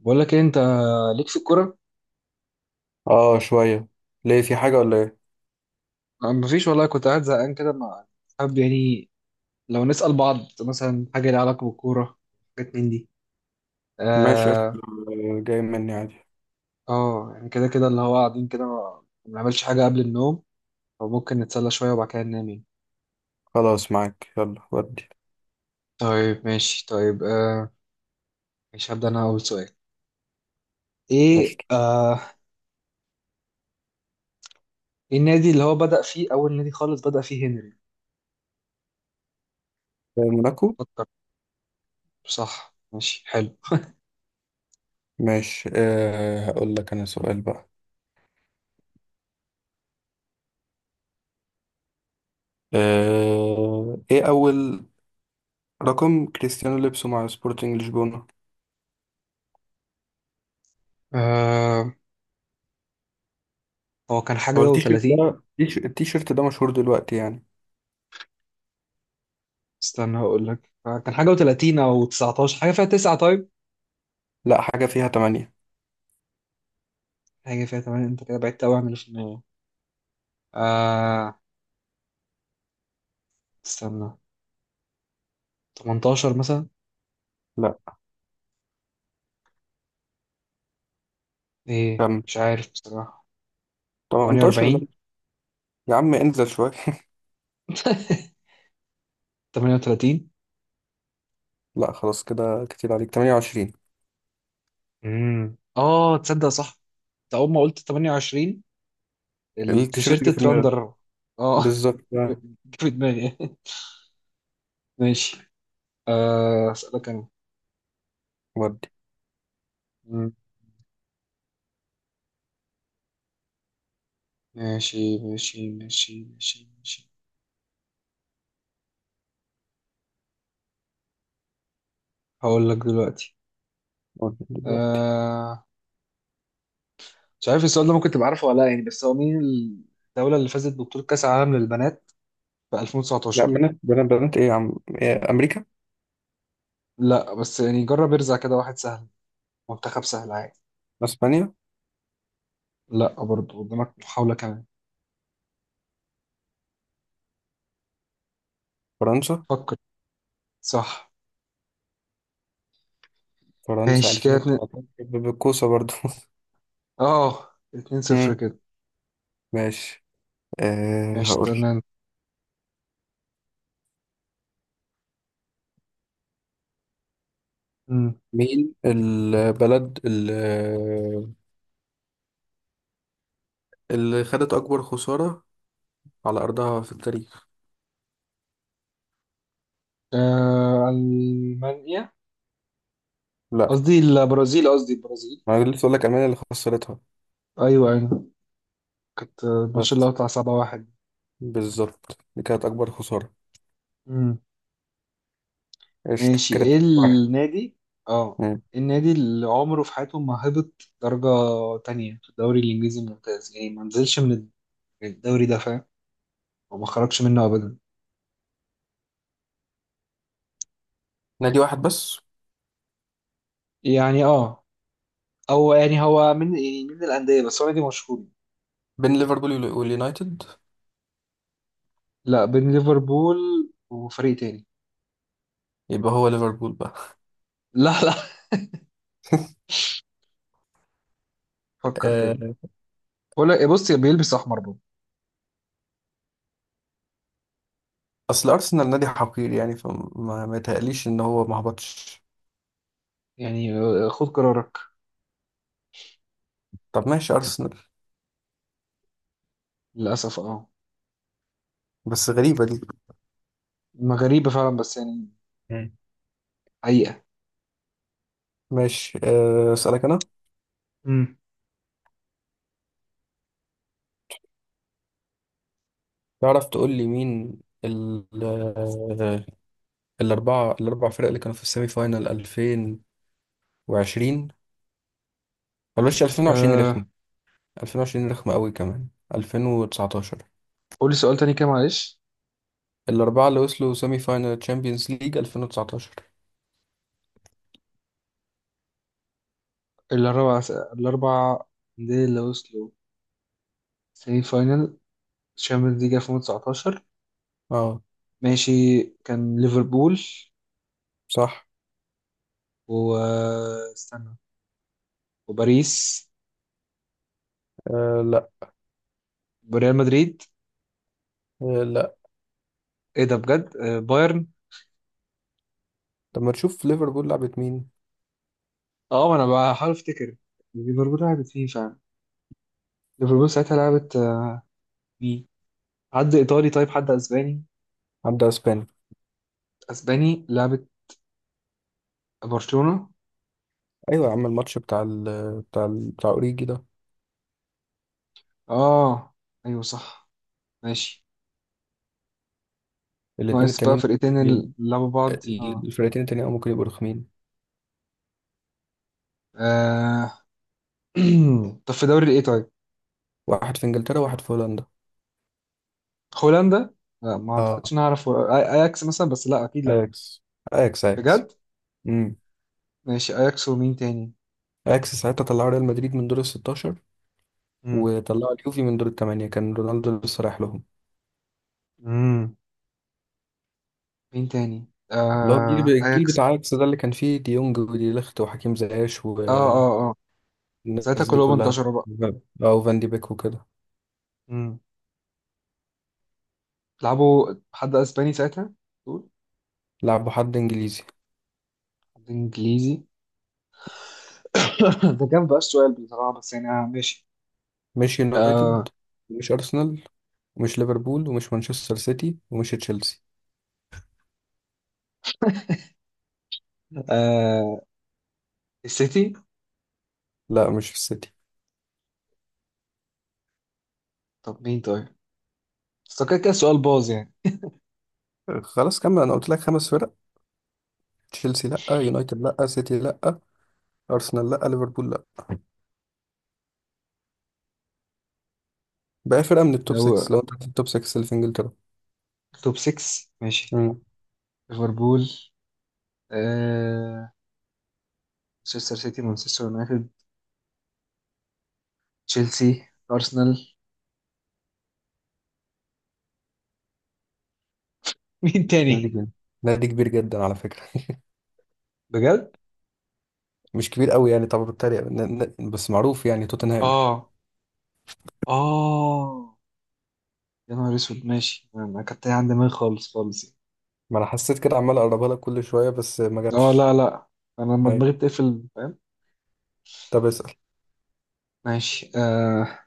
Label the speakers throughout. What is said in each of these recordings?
Speaker 1: بقول لك إيه، انت ليك في الكوره؟
Speaker 2: اه شوية. ليه في حاجة ولا ايه؟
Speaker 1: آه، مفيش والله. كنت قاعد زهقان كده مع، حابب يعني لو نسأل بعض مثلا حاجه ليها علاقه بالكوره، حاجات من دي.
Speaker 2: ماشي قشطة.
Speaker 1: اه.
Speaker 2: آه، جاي مني عادي.
Speaker 1: اه، يعني كده كده اللي هو قاعدين كده ما بنعملش حاجه قبل النوم، فممكن نتسلى شويه وبعد كده ننام يعني.
Speaker 2: خلاص معاك يلا ودي.
Speaker 1: طيب، ماشي، طيب. مش هبدأ انا اول سؤال؟ ايه
Speaker 2: قشطة.
Speaker 1: آه إيه النادي اللي هو بدأ فيه، اول نادي خالص بدأ فيه هنري؟
Speaker 2: آه، موناكو.
Speaker 1: فكر. صح، ماشي، حلو.
Speaker 2: ماشي، هقول لك انا سؤال بقى. ايه اول رقم كريستيانو لبسه مع سبورتنج لشبونة.
Speaker 1: آه هو كان
Speaker 2: هو
Speaker 1: حاجه
Speaker 2: التيشيرت
Speaker 1: و30.
Speaker 2: ده التيشيرت ده مشهور دلوقتي يعني.
Speaker 1: استنى، هقول لك كان حاجة و30 أو 19، حاجة فيها 9. طيب،
Speaker 2: لا، حاجة فيها تمانية.
Speaker 1: حاجة فيها 8. أنت كده بعدت أوي عن اللي في النهاية. آه استنى، 18 مثلا.
Speaker 2: لا،
Speaker 1: إيه،
Speaker 2: كمل.
Speaker 1: مش عارف بصراحة.
Speaker 2: 18 لا.
Speaker 1: 48.
Speaker 2: يا عم انزل شوية
Speaker 1: 38.
Speaker 2: لا خلاص كده كتير عليك، 28.
Speaker 1: تصدق صح. أنت أول ما قلت 28،
Speaker 2: التيشيرت
Speaker 1: التيشيرت
Speaker 2: جه في دماغك.
Speaker 1: اترندر. آه.
Speaker 2: بالظبط
Speaker 1: جه
Speaker 2: آه.
Speaker 1: في دماغي. ماشي. أسألك أنا.
Speaker 2: ودي.
Speaker 1: مم. ماشي، ماشي، ماشي، ماشي، ماشي. هقول لك دلوقتي
Speaker 2: ودي دلوقتي.
Speaker 1: آه مش عارف السؤال ده ممكن تبقى عارفه ولا لا يعني، بس هو مين الدولة اللي فازت ببطولة كأس العالم للبنات في
Speaker 2: لا،
Speaker 1: 2019؟
Speaker 2: بنات بنات بنات ايه يا عم؟ إيه، امريكا.
Speaker 1: لا، بس يعني جرب ارزع كده واحد سهل، منتخب سهل عادي.
Speaker 2: اسبانيا.
Speaker 1: لا، برضه قدامك محاولة كمان.
Speaker 2: فرنسا.
Speaker 1: فكر. صح،
Speaker 2: فرنسا
Speaker 1: ماشي، كده اتنين.
Speaker 2: 2019 بالكوسه برضو.
Speaker 1: اه، اتنين صفر
Speaker 2: مم.
Speaker 1: كده.
Speaker 2: ماشي،
Speaker 1: ماشي،
Speaker 2: هقول.
Speaker 1: استنى انت. مم.
Speaker 2: مين البلد اللي خدت اكبر خساره على ارضها في التاريخ؟
Speaker 1: ألمانيا.
Speaker 2: لا،
Speaker 1: قصدي البرازيل، قصدي البرازيل.
Speaker 2: ما أنا لسه اقول لك المانيا اللي خسرتها.
Speaker 1: ايوه، ايوه. كانت الماتش اللي
Speaker 2: بس
Speaker 1: هو بتاع 7-1.
Speaker 2: بالظبط، دي كانت اكبر خساره. قشطه
Speaker 1: ماشي،
Speaker 2: كده
Speaker 1: ايه
Speaker 2: 2 واحد.
Speaker 1: النادي اه
Speaker 2: مم.
Speaker 1: إيه النادي اللي عمره في حياته ما هبط درجة تانية في الدوري الإنجليزي الممتاز، يعني ما نزلش من الدوري ده، فاهم؟ وما خرجش منه أبدا.
Speaker 2: نادي واحد بس؟
Speaker 1: يعني أو يعني هو من يعني من الأندية، بس هو نادي مشهور.
Speaker 2: بين ليفربول واليونايتد.
Speaker 1: لا، بين ليفربول وفريق تاني.
Speaker 2: يبقى هو ليفربول بقى.
Speaker 1: لا، لا. فكر كده. ولا بص بيلبس أحمر برضه.
Speaker 2: اصل ارسنال نادي حقير يعني، فما ما يتهيأليش ان هو ما هبطش.
Speaker 1: يعني، خد قرارك.
Speaker 2: طب ماشي، ارسنال.
Speaker 1: للأسف اه
Speaker 2: بس غريبة دي.
Speaker 1: ما غريبة فعلا، بس يعني،
Speaker 2: مم.
Speaker 1: حقيقة.
Speaker 2: ماشي، اسالك انا.
Speaker 1: امم
Speaker 2: تعرف تقول لي مين ال آه، الاربع فرق اللي كانوا في السيمي فاينال 2020؟ بلاش 2020
Speaker 1: آه
Speaker 2: رخم. 2020 رخم قوي كمان. 2019.
Speaker 1: قولي سؤال تاني كده معلش.
Speaker 2: الاربعة اللي وصلوا سيمي فاينال تشامبيونز ليج 2019.
Speaker 1: الأربع الأربع أندية اللي وصلوا سيمي فاينل الشامبيونز ليج 2019.
Speaker 2: اه.
Speaker 1: ماشي، كان ليفربول.
Speaker 2: صح.
Speaker 1: واستنى، وباريس
Speaker 2: آه لا.
Speaker 1: وريال مدريد.
Speaker 2: آه لا.
Speaker 1: ايه ده بجد؟ بايرن.
Speaker 2: طب ما تشوف ليفربول لعبت مين.
Speaker 1: اه ما انا بحاول افتكر. ليفربول لعبت مين فعلا؟ ليفربول ساعتها لعبت، مين؟ حد ايطالي، طيب حد اسباني.
Speaker 2: عدى اسبانيا.
Speaker 1: اسباني، لعبت برشلونة.
Speaker 2: ايوه يا عم، الماتش بتاع اوريجي ده.
Speaker 1: اه ايوه، صح، ماشي.
Speaker 2: الاثنين
Speaker 1: ناقص بقى
Speaker 2: التانيين.
Speaker 1: فرقتين اللي لعبوا بعض اه
Speaker 2: الفرقتين التانيين أو ممكن يبقوا رخمين.
Speaker 1: آه، طب في دوري ايه طيب؟
Speaker 2: واحد في انجلترا وواحد في هولندا.
Speaker 1: هولندا؟ لا، ما اعتقدش.
Speaker 2: اه.
Speaker 1: نعرف اياكس مثلا، بس لا، اكيد لا.
Speaker 2: اكس اياكس اياكس.
Speaker 1: بجد؟
Speaker 2: امم
Speaker 1: ماشي، اياكس ومين تاني؟
Speaker 2: اياكس ساعتها طلعوا ريال مدريد من دور ال 16،
Speaker 1: امم
Speaker 2: وطلعوا اليوفي من دور الثمانية، كان رونالدو لسه رايح لهم.
Speaker 1: امم مين تاني؟
Speaker 2: اللي هو الجيل الجيل
Speaker 1: اياكس.
Speaker 2: بتاع اياكس ده اللي كان فيه ديونج ودي ليخت وحكيم زياش
Speaker 1: اه،
Speaker 2: والناس
Speaker 1: اه، اه، ساعتها
Speaker 2: دي
Speaker 1: كلهم
Speaker 2: كلها.
Speaker 1: انتشروا بقى.
Speaker 2: اه، وفان دي بيك وكده.
Speaker 1: امم لعبوا حد اسباني ساعتها دول؟
Speaker 2: لعبوا حد انجليزي.
Speaker 1: حد انجليزي. ده كان بقى السؤال بصراحه، بس يعني. ماشي.
Speaker 2: مش
Speaker 1: آه
Speaker 2: يونايتد. مش ارسنال ومش ليفربول ومش مانشستر سيتي ومش تشيلسي.
Speaker 1: آه السيتي.
Speaker 2: لا، مش السيتي.
Speaker 1: طب مين طيب؟ بس هو كده كده السؤال باظ يعني.
Speaker 2: خلاص كمل، انا قلت لك خمس فرق. تشيلسي لا، يونايتد لا، سيتي لا، ارسنال لا، ليفربول لا. بقى فرقه من التوب 6،
Speaker 1: هو
Speaker 2: لو انت في التوب 6 اللي في انجلترا.
Speaker 1: توب 6. ماشي،
Speaker 2: امم
Speaker 1: ليفربول، آه مانشستر سيتي، مانشستر يونايتد، تشيلسي، ارسنال. مين
Speaker 2: نادي
Speaker 1: تاني؟
Speaker 2: كبير. نادي كبير جدا على فكره
Speaker 1: بجد؟
Speaker 2: مش كبير قوي يعني، طب بتريق بس معروف يعني، توتنهام.
Speaker 1: اه، اه، يا نهار اسود. ماشي، انا كنت عندي دماغي خالص خالص.
Speaker 2: ما انا حسيت كده، عمال اقربها لك كل شويه بس ما
Speaker 1: اه، لا،
Speaker 2: جاتش.
Speaker 1: لا، انا لما دماغي
Speaker 2: ايوه.
Speaker 1: بتقفل، فاهم.
Speaker 2: طب اسال.
Speaker 1: ماشي.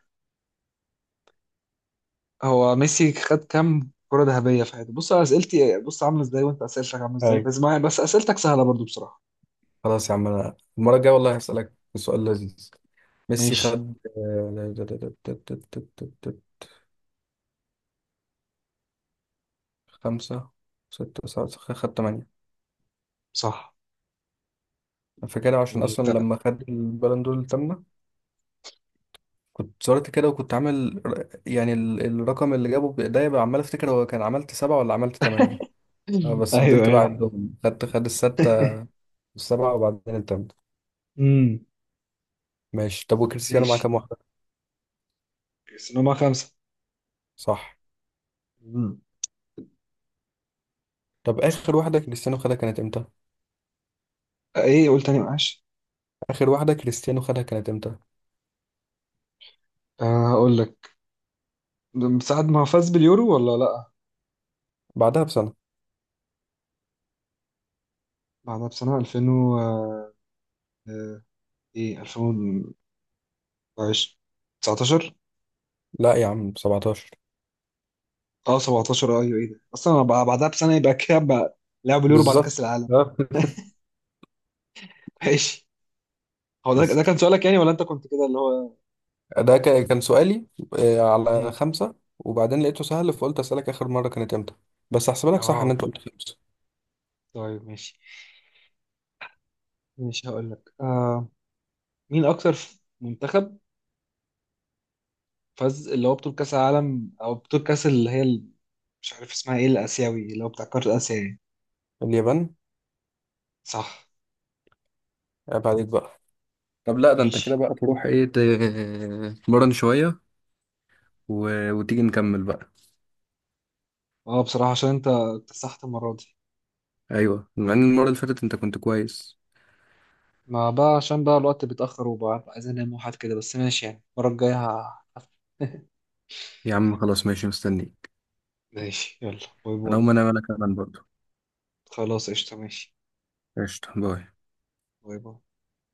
Speaker 1: هو ميسي خد كام كرة ذهبية في حياته؟ بص على اسئلتي، بص عاملة ازاي، وانت اسئلتك عاملة ازاي.
Speaker 2: ايوه.
Speaker 1: بس معايا بس اسئلتك سهلة برضو بصراحة.
Speaker 2: خلاص يا عم، انا المره الجايه والله هسالك سؤال لذيذ. ميسي
Speaker 1: ماشي.
Speaker 2: خد خمسة، ستة، سبعة، خدت تمانية.
Speaker 1: صح
Speaker 2: أنا فاكرها عشان
Speaker 1: يعني
Speaker 2: أصلا لما خد البالون دور التامنة كنت صورت كده، وكنت عامل يعني الرقم اللي جابه بإيديا بقى، عمال أفتكر هو كان عملت سبعة ولا عملت تمانية. آه، بس
Speaker 1: ايوه،
Speaker 2: فضلت بقى
Speaker 1: ايوه.
Speaker 2: عندهم، خد الستة، السبعة، وبعدين التامنة.
Speaker 1: امم
Speaker 2: ماشي، طب وكريستيانو معاه
Speaker 1: ماشي،
Speaker 2: كام واحدة؟
Speaker 1: بس إن هما خمسة.
Speaker 2: صح.
Speaker 1: امم
Speaker 2: طب آخر واحدة كريستيانو خدها كانت إمتى؟
Speaker 1: ايه، قول تاني معلش.
Speaker 2: آخر واحدة كريستيانو خدها كانت إمتى؟
Speaker 1: هقول لك. ده من ساعة ما فاز باليورو ولا لأ؟
Speaker 2: بعدها بسنة.
Speaker 1: بعدها بسنة 2000 و إيه، 2019، 19،
Speaker 2: لا يا عم، 17.
Speaker 1: 17، أيوه. إيه ده أصلا؟ أنا بعدها بسنة، يبقى كده بقى لعب اليورو بعد
Speaker 2: بالظبط.
Speaker 1: كأس العالم. ماشي. هو ده كان سؤالك يعني، ولا أنت كنت كده اللي هو.
Speaker 2: ده كان سؤالي. على
Speaker 1: مم.
Speaker 2: خمسة، وبعدين لقيته سهل فقلت أسألك آخر مرة كانت إمتى. بس هحسبها لك صح إن
Speaker 1: أه
Speaker 2: أنت قلت خمسة.
Speaker 1: طيب، ماشي، ماشي. هقول لك. مين أكتر منتخب فاز اللي هو بطولة كأس العالم، أو بطولة كأس اللي هي مش عارف اسمها إيه، الآسيوي اللي هو بتاع قارة آسيا يعني.
Speaker 2: اليابان.
Speaker 1: صح،
Speaker 2: عيب عليك بقى. طب لا، ده أنت كده
Speaker 1: ماشي.
Speaker 2: بقى تروح إيه، تمرن شوية و... وتيجي نكمل بقى.
Speaker 1: اه بصراحة عشان انت اكتسحت المرة دي،
Speaker 2: أيوه، مع إن المرة اللي فاتت أنت كنت كويس.
Speaker 1: ما بقى عشان بقى الوقت بيتأخر وبقى عايز انام وحاجات كده. بس ماشي يعني المرة الجاية
Speaker 2: يا عم خلاص، ماشي، مستنيك.
Speaker 1: ماشي. يلا، باي
Speaker 2: أنا
Speaker 1: باي.
Speaker 2: هقوم أنام أنا كمان برضه.
Speaker 1: خلاص، قشطة، ماشي.
Speaker 2: قشطة باي.
Speaker 1: باي باي.